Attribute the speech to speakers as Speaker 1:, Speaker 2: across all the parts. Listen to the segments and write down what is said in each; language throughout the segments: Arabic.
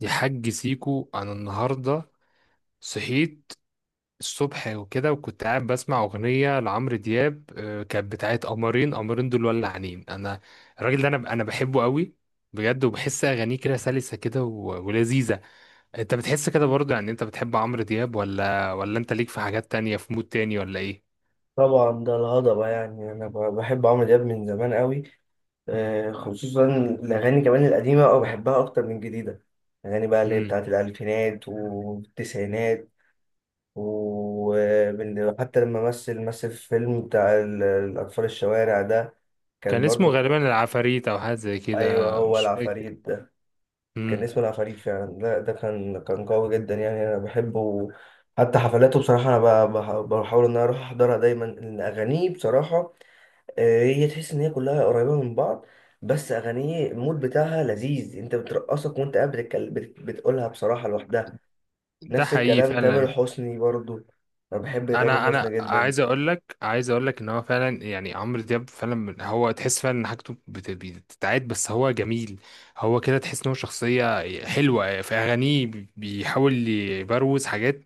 Speaker 1: يا حاج سيكو، انا النهارده صحيت الصبح وكده. وكنت قاعد بسمع اغنيه لعمرو دياب، كانت بتاعت قمرين قمرين دول، ولعانين انا. الراجل ده، انا بحبه قوي، بجد. وبحس اغانيه كده سلسه كده ولذيذه. انت بتحس كده برضه؟ يعني انت بتحب عمرو دياب، ولا انت ليك في حاجات تانية، في مود تاني، ولا ايه؟
Speaker 2: طبعا ده الهضبة، يعني أنا بحب عمرو دياب من زمان قوي. خصوصا الأغاني كمان القديمة، أو بحبها أكتر من الجديدة. الأغاني بقى اللي هي
Speaker 1: امم
Speaker 2: بتاعت الألفينات والتسعينات. وحتى لما مثل في فيلم بتاع الأطفال الشوارع ده،
Speaker 1: كان
Speaker 2: كان
Speaker 1: اسمه
Speaker 2: برضو.
Speaker 1: غالبا العفاريت، او حاجه زي
Speaker 2: أيوه
Speaker 1: كده،
Speaker 2: هو
Speaker 1: مش فاكر.
Speaker 2: العفاريت ده، كان
Speaker 1: امم
Speaker 2: اسمه العفاريت فعلا. لا ده كان قوي جدا، يعني أنا بحبه. حتى حفلاته بصراحة أنا بحاول إن أنا أروح أحضرها دايما، لأن أغانيه بصراحة، هي تحس ان هي كلها قريبه من بعض. بس اغانيه المود بتاعها لذيذ، انت بترقصك وانت قاعد بتتكلم، بتقولها بصراحه لوحدها.
Speaker 1: ده
Speaker 2: نفس
Speaker 1: حقيقي
Speaker 2: الكلام تامر
Speaker 1: فعلا.
Speaker 2: حسني برضو، انا بحب تامر
Speaker 1: انا
Speaker 2: حسني
Speaker 1: انا
Speaker 2: جدا.
Speaker 1: عايز اقول لك، عايز اقول لك ان هو فعلا، يعني عمرو دياب فعلا، هو تحس فعلا ان حاجته بتتعاد، بس هو جميل. هو كده تحس ان هو شخصيه حلوه في اغانيه، بيحاول يبروز حاجات،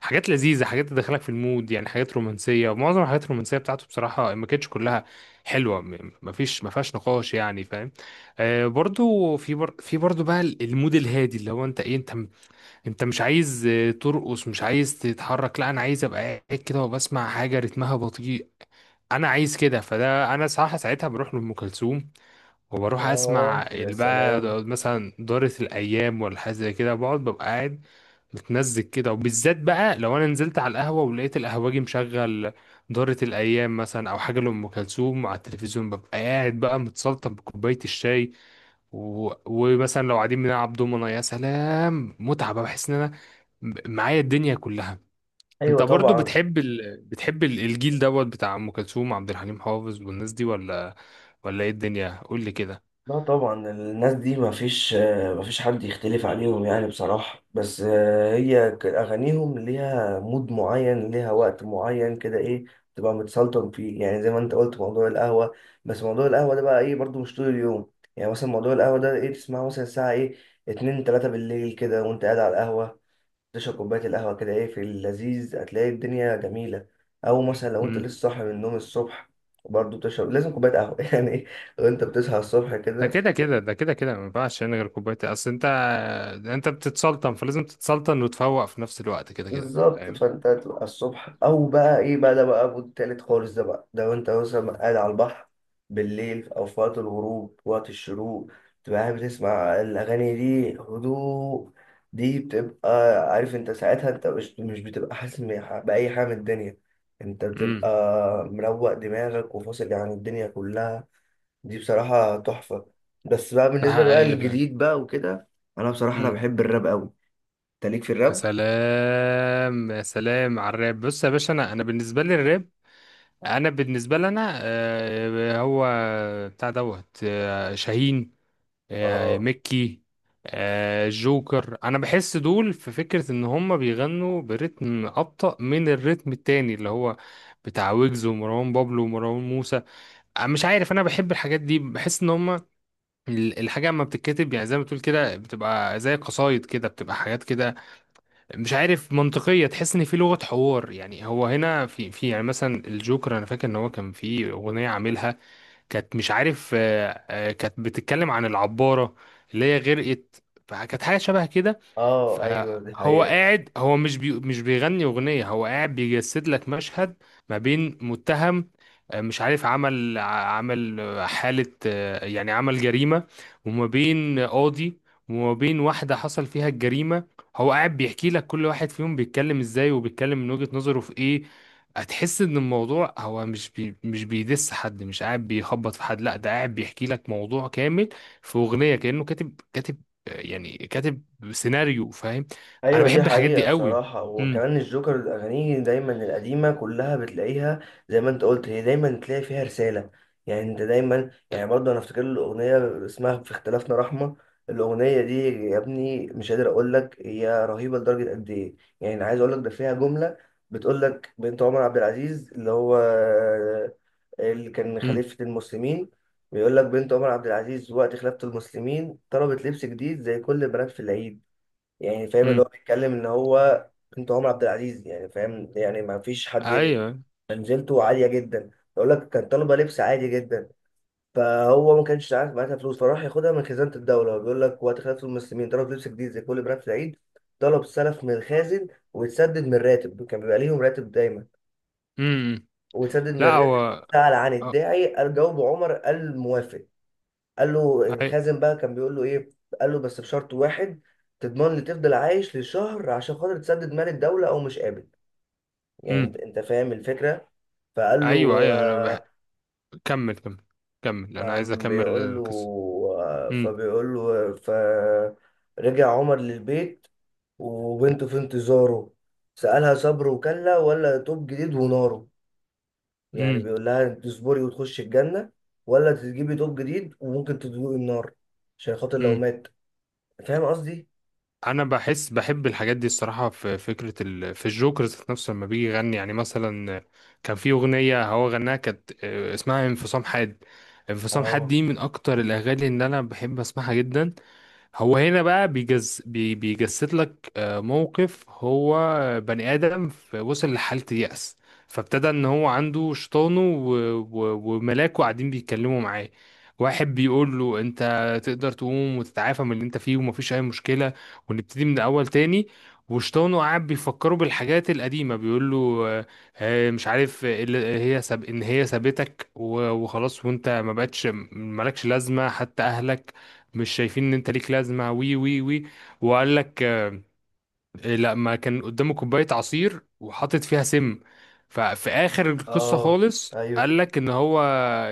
Speaker 1: حاجات لذيذه، حاجات تدخلك في المود، يعني حاجات رومانسيه. ومعظم الحاجات الرومانسيه بتاعته بصراحه ما كانتش كلها حلوه، مفيش ما فيهاش نقاش، يعني فاهم؟ آه، برضو في برضو بقى المود الهادي، اللي هو انت ايه؟ انت مش عايز ترقص، مش عايز تتحرك، لا، انا عايز ابقى قاعد كده وبسمع حاجه رتمها بطيء. انا عايز كده، فده انا صراحه ساعتها بروح لام كلثوم، وبروح اسمع
Speaker 2: اه يا
Speaker 1: اللي بقى
Speaker 2: سلام.
Speaker 1: مثلا دارة الايام ولا حاجه زي كده، بقعد ببقى قاعد متمزج كده. وبالذات بقى لو انا نزلت على القهوه ولقيت القهوجي مشغل دارة الايام مثلا، او حاجه لام كلثوم على التلفزيون، ببقى قاعد بقى متسلطن بكوبايه الشاي. ومثلا لو قاعدين بنلعب دومنا، يا سلام، متعه بقى، بحس ان انا معايا الدنيا كلها. انت
Speaker 2: ايوه
Speaker 1: برضو
Speaker 2: طبعا.
Speaker 1: بتحب الجيل دوت بتاع ام كلثوم، عبد الحليم حافظ، والناس دي، ولا ايه الدنيا، قول لي كده؟
Speaker 2: لا طبعا الناس دي ما فيش، ما فيش حد يختلف عليهم يعني بصراحة. بس هي أغانيهم ليها مود معين، ليها وقت معين كده، إيه، تبقى متسلطن فيه، يعني زي ما أنت قلت موضوع القهوة. بس موضوع القهوة ده بقى إيه، برضو مش طول اليوم. يعني مثلا موضوع القهوة ده إيه، تسمعه مثلا الساعة إيه، اتنين تلاتة بالليل كده، وأنت قاعد على القهوة تشرب كوباية القهوة كده، إيه في اللذيذ، هتلاقي الدنيا جميلة. أو مثلا لو أنت
Speaker 1: مم.
Speaker 2: لسه صاحي من النوم الصبح، برضه بتشرب لازم كوباية قهوة يعني إيه، وأنت بتصحى الصبح
Speaker 1: ده
Speaker 2: كده.
Speaker 1: كده كده، ده كده كده، ما ينفعش انا غير كوبايه، اصل انت بتتسلطن، فلازم تتسلطن وتفوق في نفس الوقت، كده كده،
Speaker 2: بالظبط،
Speaker 1: فاهم؟
Speaker 2: فانت هتبقى الصبح او بقى ايه بقى، ده بقى مود تالت خالص. ده بقى لو انت مثلا قاعد على البحر بالليل، او في وقت الغروب، وقت الشروق، تبقى قاعد بتسمع الاغاني دي، هدوء، دي بتبقى، عارف انت ساعتها انت مش بتبقى حاسس باي حاجه من الدنيا، انت بتبقى
Speaker 1: امم
Speaker 2: مروق دماغك وفاصل عن الدنيا كلها. دي بصراحه تحفه. بس بقى
Speaker 1: ده
Speaker 2: بالنسبه بقى
Speaker 1: حقيقي فعلا.
Speaker 2: للجديد بقى وكده، انا بصراحه انا
Speaker 1: مم.
Speaker 2: بحب الراب قوي. انت ليك في
Speaker 1: يا سلام، يا سلام على الراب. بص يا باشا، انا بالنسبه لي الراب، انا بالنسبه لي انا، هو بتاع دوت، شاهين،
Speaker 2: الراب؟
Speaker 1: ميكي، جوكر. انا بحس دول في فكرة ان هم بيغنوا برتم ابطأ من الرتم التاني، اللي هو بتاع ويجز ومروان بابلو ومروان موسى. مش عارف، انا بحب الحاجات دي، بحس ان هم الحاجة اما بتتكتب، يعني زي ما بتقول كده، بتبقى زي قصايد كده، بتبقى حاجات كده مش عارف، منطقية. تحس ان في لغة حوار، يعني هو هنا في يعني مثلا الجوكر، انا فاكر ان هو كان في اغنية عاملها، كانت مش عارف، كانت بتتكلم عن العبارة اللي هي غرقت، فكانت حاجة شبه كده.
Speaker 2: اه ايوه دي
Speaker 1: فهو
Speaker 2: حقيقة.
Speaker 1: قاعد، هو مش بيغني أغنية، هو قاعد بيجسد لك مشهد ما بين متهم، مش عارف، عمل حالة، يعني عمل جريمة، وما بين قاضي، وما بين واحدة حصل فيها الجريمة. هو قاعد بيحكي لك كل واحد فيهم بيتكلم ازاي، وبيتكلم من وجهة نظره في ايه. هتحس ان الموضوع هو مش بيدس حد، مش قاعد بيخبط في حد، لا ده قاعد بيحكي لك موضوع كامل في اغنيه، كانه كاتب، كاتب، يعني كاتب سيناريو، فاهم؟ انا
Speaker 2: ايوه دي
Speaker 1: بحب الحاجات
Speaker 2: حقيقة
Speaker 1: دي قوي.
Speaker 2: بصراحة.
Speaker 1: امم.
Speaker 2: وكمان الجوكر الاغاني دايما القديمة كلها بتلاقيها زي ما انت قلت، هي دايما تلاقي فيها رسالة. يعني انت دايما يعني برضه انا افتكر الاغنية اسمها في اختلافنا رحمة، الاغنية دي يا ابني مش قادر اقول لك هي رهيبة لدرجة قد ايه. يعني عايز اقول لك ده فيها جملة بتقول لك بنت عمر عبد العزيز اللي هو اللي كان
Speaker 1: امم.
Speaker 2: خليفة المسلمين، بيقول لك بنت عمر عبد العزيز وقت خلافة المسلمين طلبت لبس جديد زي كل البنات في العيد. يعني فاهم اللي هو
Speaker 1: امم.
Speaker 2: بيتكلم ان هو بنت عمر عبد العزيز، يعني فاهم، يعني ما فيش حد
Speaker 1: ايوه.
Speaker 2: منزلته عالية جدا. بيقول لك كان طالبة لبس عادي جدا، فهو ما كانش عارف معاها فلوس، فراح ياخدها من خزانة الدولة. بيقول لك وقت خلافة المسلمين طلب لبس جديد زي كل البنات في العيد، طلب سلف من الخازن ويتسدد من الراتب، كان بيبقى ليهم راتب دايما،
Speaker 1: امم.
Speaker 2: وسدد من
Speaker 1: لا.
Speaker 2: الراتب.
Speaker 1: هو.
Speaker 2: سأل عن
Speaker 1: آه،
Speaker 2: الداعي، قال، جاوبه عمر، قال موافق. قال له
Speaker 1: أي.
Speaker 2: الخازن بقى كان بيقول له ايه، قال له بس بشرط واحد، تضمن لي تفضل عايش لشهر عشان خاطر تسدد مال الدولة، او مش قابل. يعني انت
Speaker 1: امم.
Speaker 2: انت فاهم الفكرة. فقال
Speaker 1: ايوه،
Speaker 2: له
Speaker 1: ايوه، كمل، كمل، كمل، انا عايز
Speaker 2: فقام
Speaker 1: اكمل
Speaker 2: بيقول له،
Speaker 1: القصه. امم.
Speaker 2: فبيقول له، فرجع عمر للبيت وبنته في انتظاره، سألها صبر وكلا ولا توب جديد ونار. يعني بيقول لها انت تصبري وتخشي الجنة، ولا تجيبي دوب جديد وممكن تدوقي النار عشان خاطر لو
Speaker 1: امم.
Speaker 2: مات. فاهم قصدي؟
Speaker 1: انا بحس بحب الحاجات دي، الصراحه في فكره في الجوكر ذات نفسه. لما بيجي يغني يعني مثلا كان في اغنيه هو غناها، كانت اسمها انفصام حاد. انفصام حاد
Speaker 2: اه.
Speaker 1: دي من اكتر الاغاني اللي انا بحب اسمعها جدا. هو هنا بقى بيجز بي بيجسد لك موقف، هو بني آدم وصل لحالة يأس، فابتدى ان هو عنده شيطانه وملاكه قاعدين بيتكلموا معاه. واحد بيقول له: انت تقدر تقوم وتتعافى من اللي انت فيه ومفيش اي مشكلة، ونبتدي من الاول تاني. وشيطانه قاعد بيفكره بالحاجات القديمة، بيقول له: آه، مش عارف إيه اللي هي ساب ان هي سابتك وخلاص، وانت ما بقتش مالكش لازمة، حتى اهلك مش شايفين ان انت ليك لازمه، وي وي وي. وقال لك إيه، لا ما كان قدامه كوباية عصير وحاطط فيها سم. ففي آخر القصة
Speaker 2: اه
Speaker 1: خالص
Speaker 2: ايوه.
Speaker 1: قال لك إن هو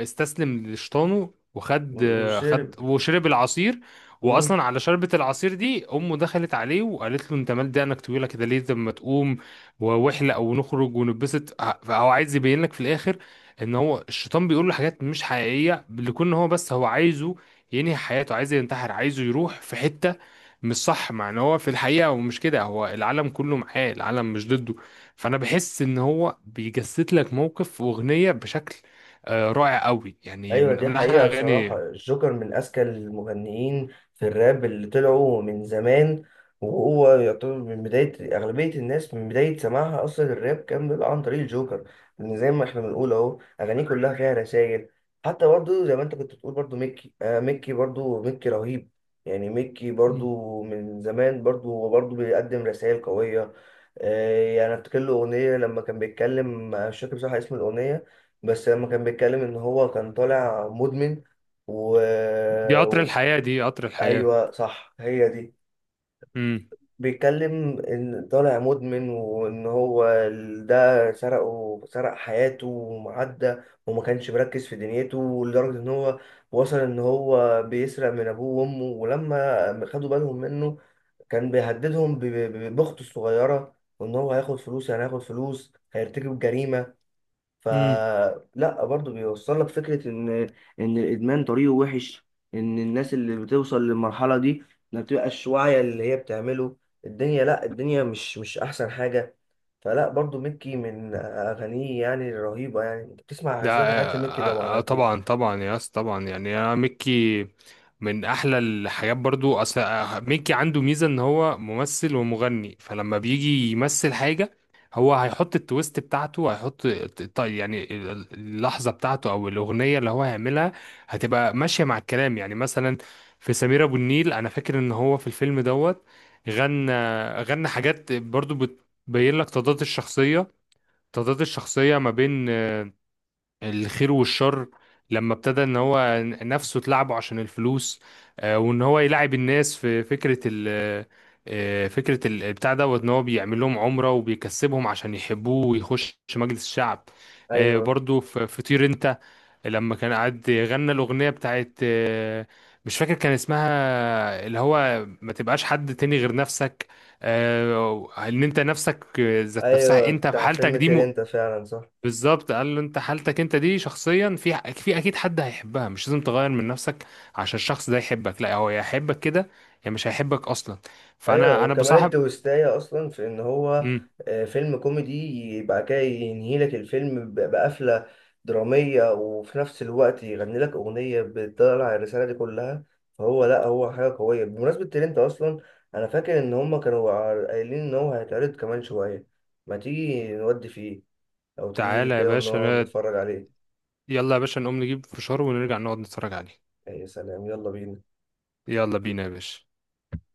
Speaker 1: استسلم لشيطانه، وخد خد
Speaker 2: وشرب.
Speaker 1: وشرب العصير.
Speaker 2: مم.
Speaker 1: وأصلا على شربة العصير دي، أمه دخلت عليه وقالت له: أنت مال دقنك طويلة كده ليه؟ لما تقوم واحلق ونخرج ونتبسط. فهو عايز يبين لك في الآخر إن هو الشيطان بيقول له حاجات مش حقيقية، لكون هو بس هو عايزه ينهي حياته، عايزه ينتحر، عايزه يروح في حتة مش صح. مع ان هو في الحقيقة هو مش كده، هو العالم كله معاه، العالم مش ضده. فانا بحس ان هو بيجسد لك موقف واغنية بشكل رائع قوي، يعني
Speaker 2: ايوه
Speaker 1: من
Speaker 2: دي
Speaker 1: من احلى
Speaker 2: حقيقة بصراحة،
Speaker 1: اغاني.
Speaker 2: الجوكر من اذكى المغنيين في الراب اللي طلعوا من زمان. وهو يعتبر من بداية أغلبية الناس، من بداية سماعها أصلا الراب كان بيبقى عن طريق الجوكر. لأن زي ما احنا بنقول أهو أغانيه كلها فيها رسائل. حتى برضو زي ما أنت كنت بتقول برضو ميكي، آه ميكي برضو، ميكي رهيب. يعني ميكي برضو من زمان برضو هو برضو بيقدم رسائل قوية. إيه، يعني افتكر له اغنيه لما كان بيتكلم، مش فاكر بصراحه اسم الاغنيه، بس لما كان بيتكلم ان هو كان طالع مدمن و...
Speaker 1: دي قطر
Speaker 2: و...
Speaker 1: الحياة، دي قطر الحياة.
Speaker 2: ايوه صح هي دي. بيتكلم ان طالع مدمن، وان هو ده سرقه، سرق حياته ومعدى، وما كانش مركز في دنيته لدرجه ان هو وصل ان هو بيسرق من ابوه وامه. ولما خدوا بالهم منه كان بيهددهم بأخته الصغيرة، وإن هو هياخد فلوس، يعني هياخد فلوس هيرتكب جريمة.
Speaker 1: امم
Speaker 2: فلا برضه بيوصل لك فكرة إن الإدمان طريقه وحش، إن الناس اللي بتوصل للمرحلة دي ما بتبقاش واعية اللي هي بتعمله. الدنيا، لا الدنيا مش أحسن حاجة. فلا برضه مكي من أغانيه يعني الرهيبة، يعني أنت بتسمع،
Speaker 1: ده،
Speaker 2: سمعت حاجات لمكي طبعا أكيد.
Speaker 1: طبعا، طبعا يا اسطى، طبعا، يعني انا ميكي من احلى الحاجات برضو، اصل ميكي عنده ميزه ان هو ممثل ومغني، فلما بيجي يمثل حاجه هو هيحط التويست بتاعته. هيحط يعني اللحظه بتاعته، او الاغنيه اللي هو هيعملها، هتبقى ماشيه مع الكلام، يعني مثلا في سمير ابو النيل، انا فاكر ان هو في الفيلم دوت غنى، غنى حاجات برضو بتبين لك تضاد الشخصيه، تضاد الشخصيه ما بين الخير والشر. لما ابتدى ان هو نفسه تلعبه عشان الفلوس، وان هو يلعب الناس في فكرة ال آه، فكرة ال- بتاع دوت، ان هو بيعمل لهم عمرة وبيكسبهم عشان يحبوه ويخش مجلس الشعب.
Speaker 2: أيوه
Speaker 1: برضو في طير انت، لما كان قاعد غنى الأغنية بتاعت مش فاكر كان اسمها، اللي هو ما تبقاش حد تاني غير نفسك، ان انت نفسك، ذات نفسها
Speaker 2: أيوه
Speaker 1: انت في
Speaker 2: بتاع
Speaker 1: حالتك
Speaker 2: فيلم
Speaker 1: دي.
Speaker 2: تير أنت فعلا صح.
Speaker 1: بالظبط قال له: انت حالتك انت دي شخصيا، في اكيد حد هيحبها، مش لازم تغير من نفسك عشان الشخص ده يحبك. لا، هو يا يحبك كده يا مش هيحبك اصلا.
Speaker 2: ايوه
Speaker 1: فانا
Speaker 2: وكمان
Speaker 1: بصاحب.
Speaker 2: التويستاية اصلا في ان هو
Speaker 1: امم.
Speaker 2: فيلم كوميدي، يبقى كده ينهي لك الفيلم بقفله دراميه، وفي نفس الوقت يغني لك اغنيه بتطلع الرساله دي كلها. فهو لا هو حاجه قويه. بمناسبه ترنت اصلا، انا فاكر ان هما كانوا قايلين ان هو هيتعرض كمان شويه، ما تيجي نودي فيه او تيجي لي
Speaker 1: تعالى يا
Speaker 2: كده ونقعد
Speaker 1: باشا،
Speaker 2: نتفرج عليه.
Speaker 1: يلا يا باشا، نقوم نجيب فشار ونرجع نقعد نتفرج عليه.
Speaker 2: يا سلام يلا بينا.
Speaker 1: يلا بينا يا باشا.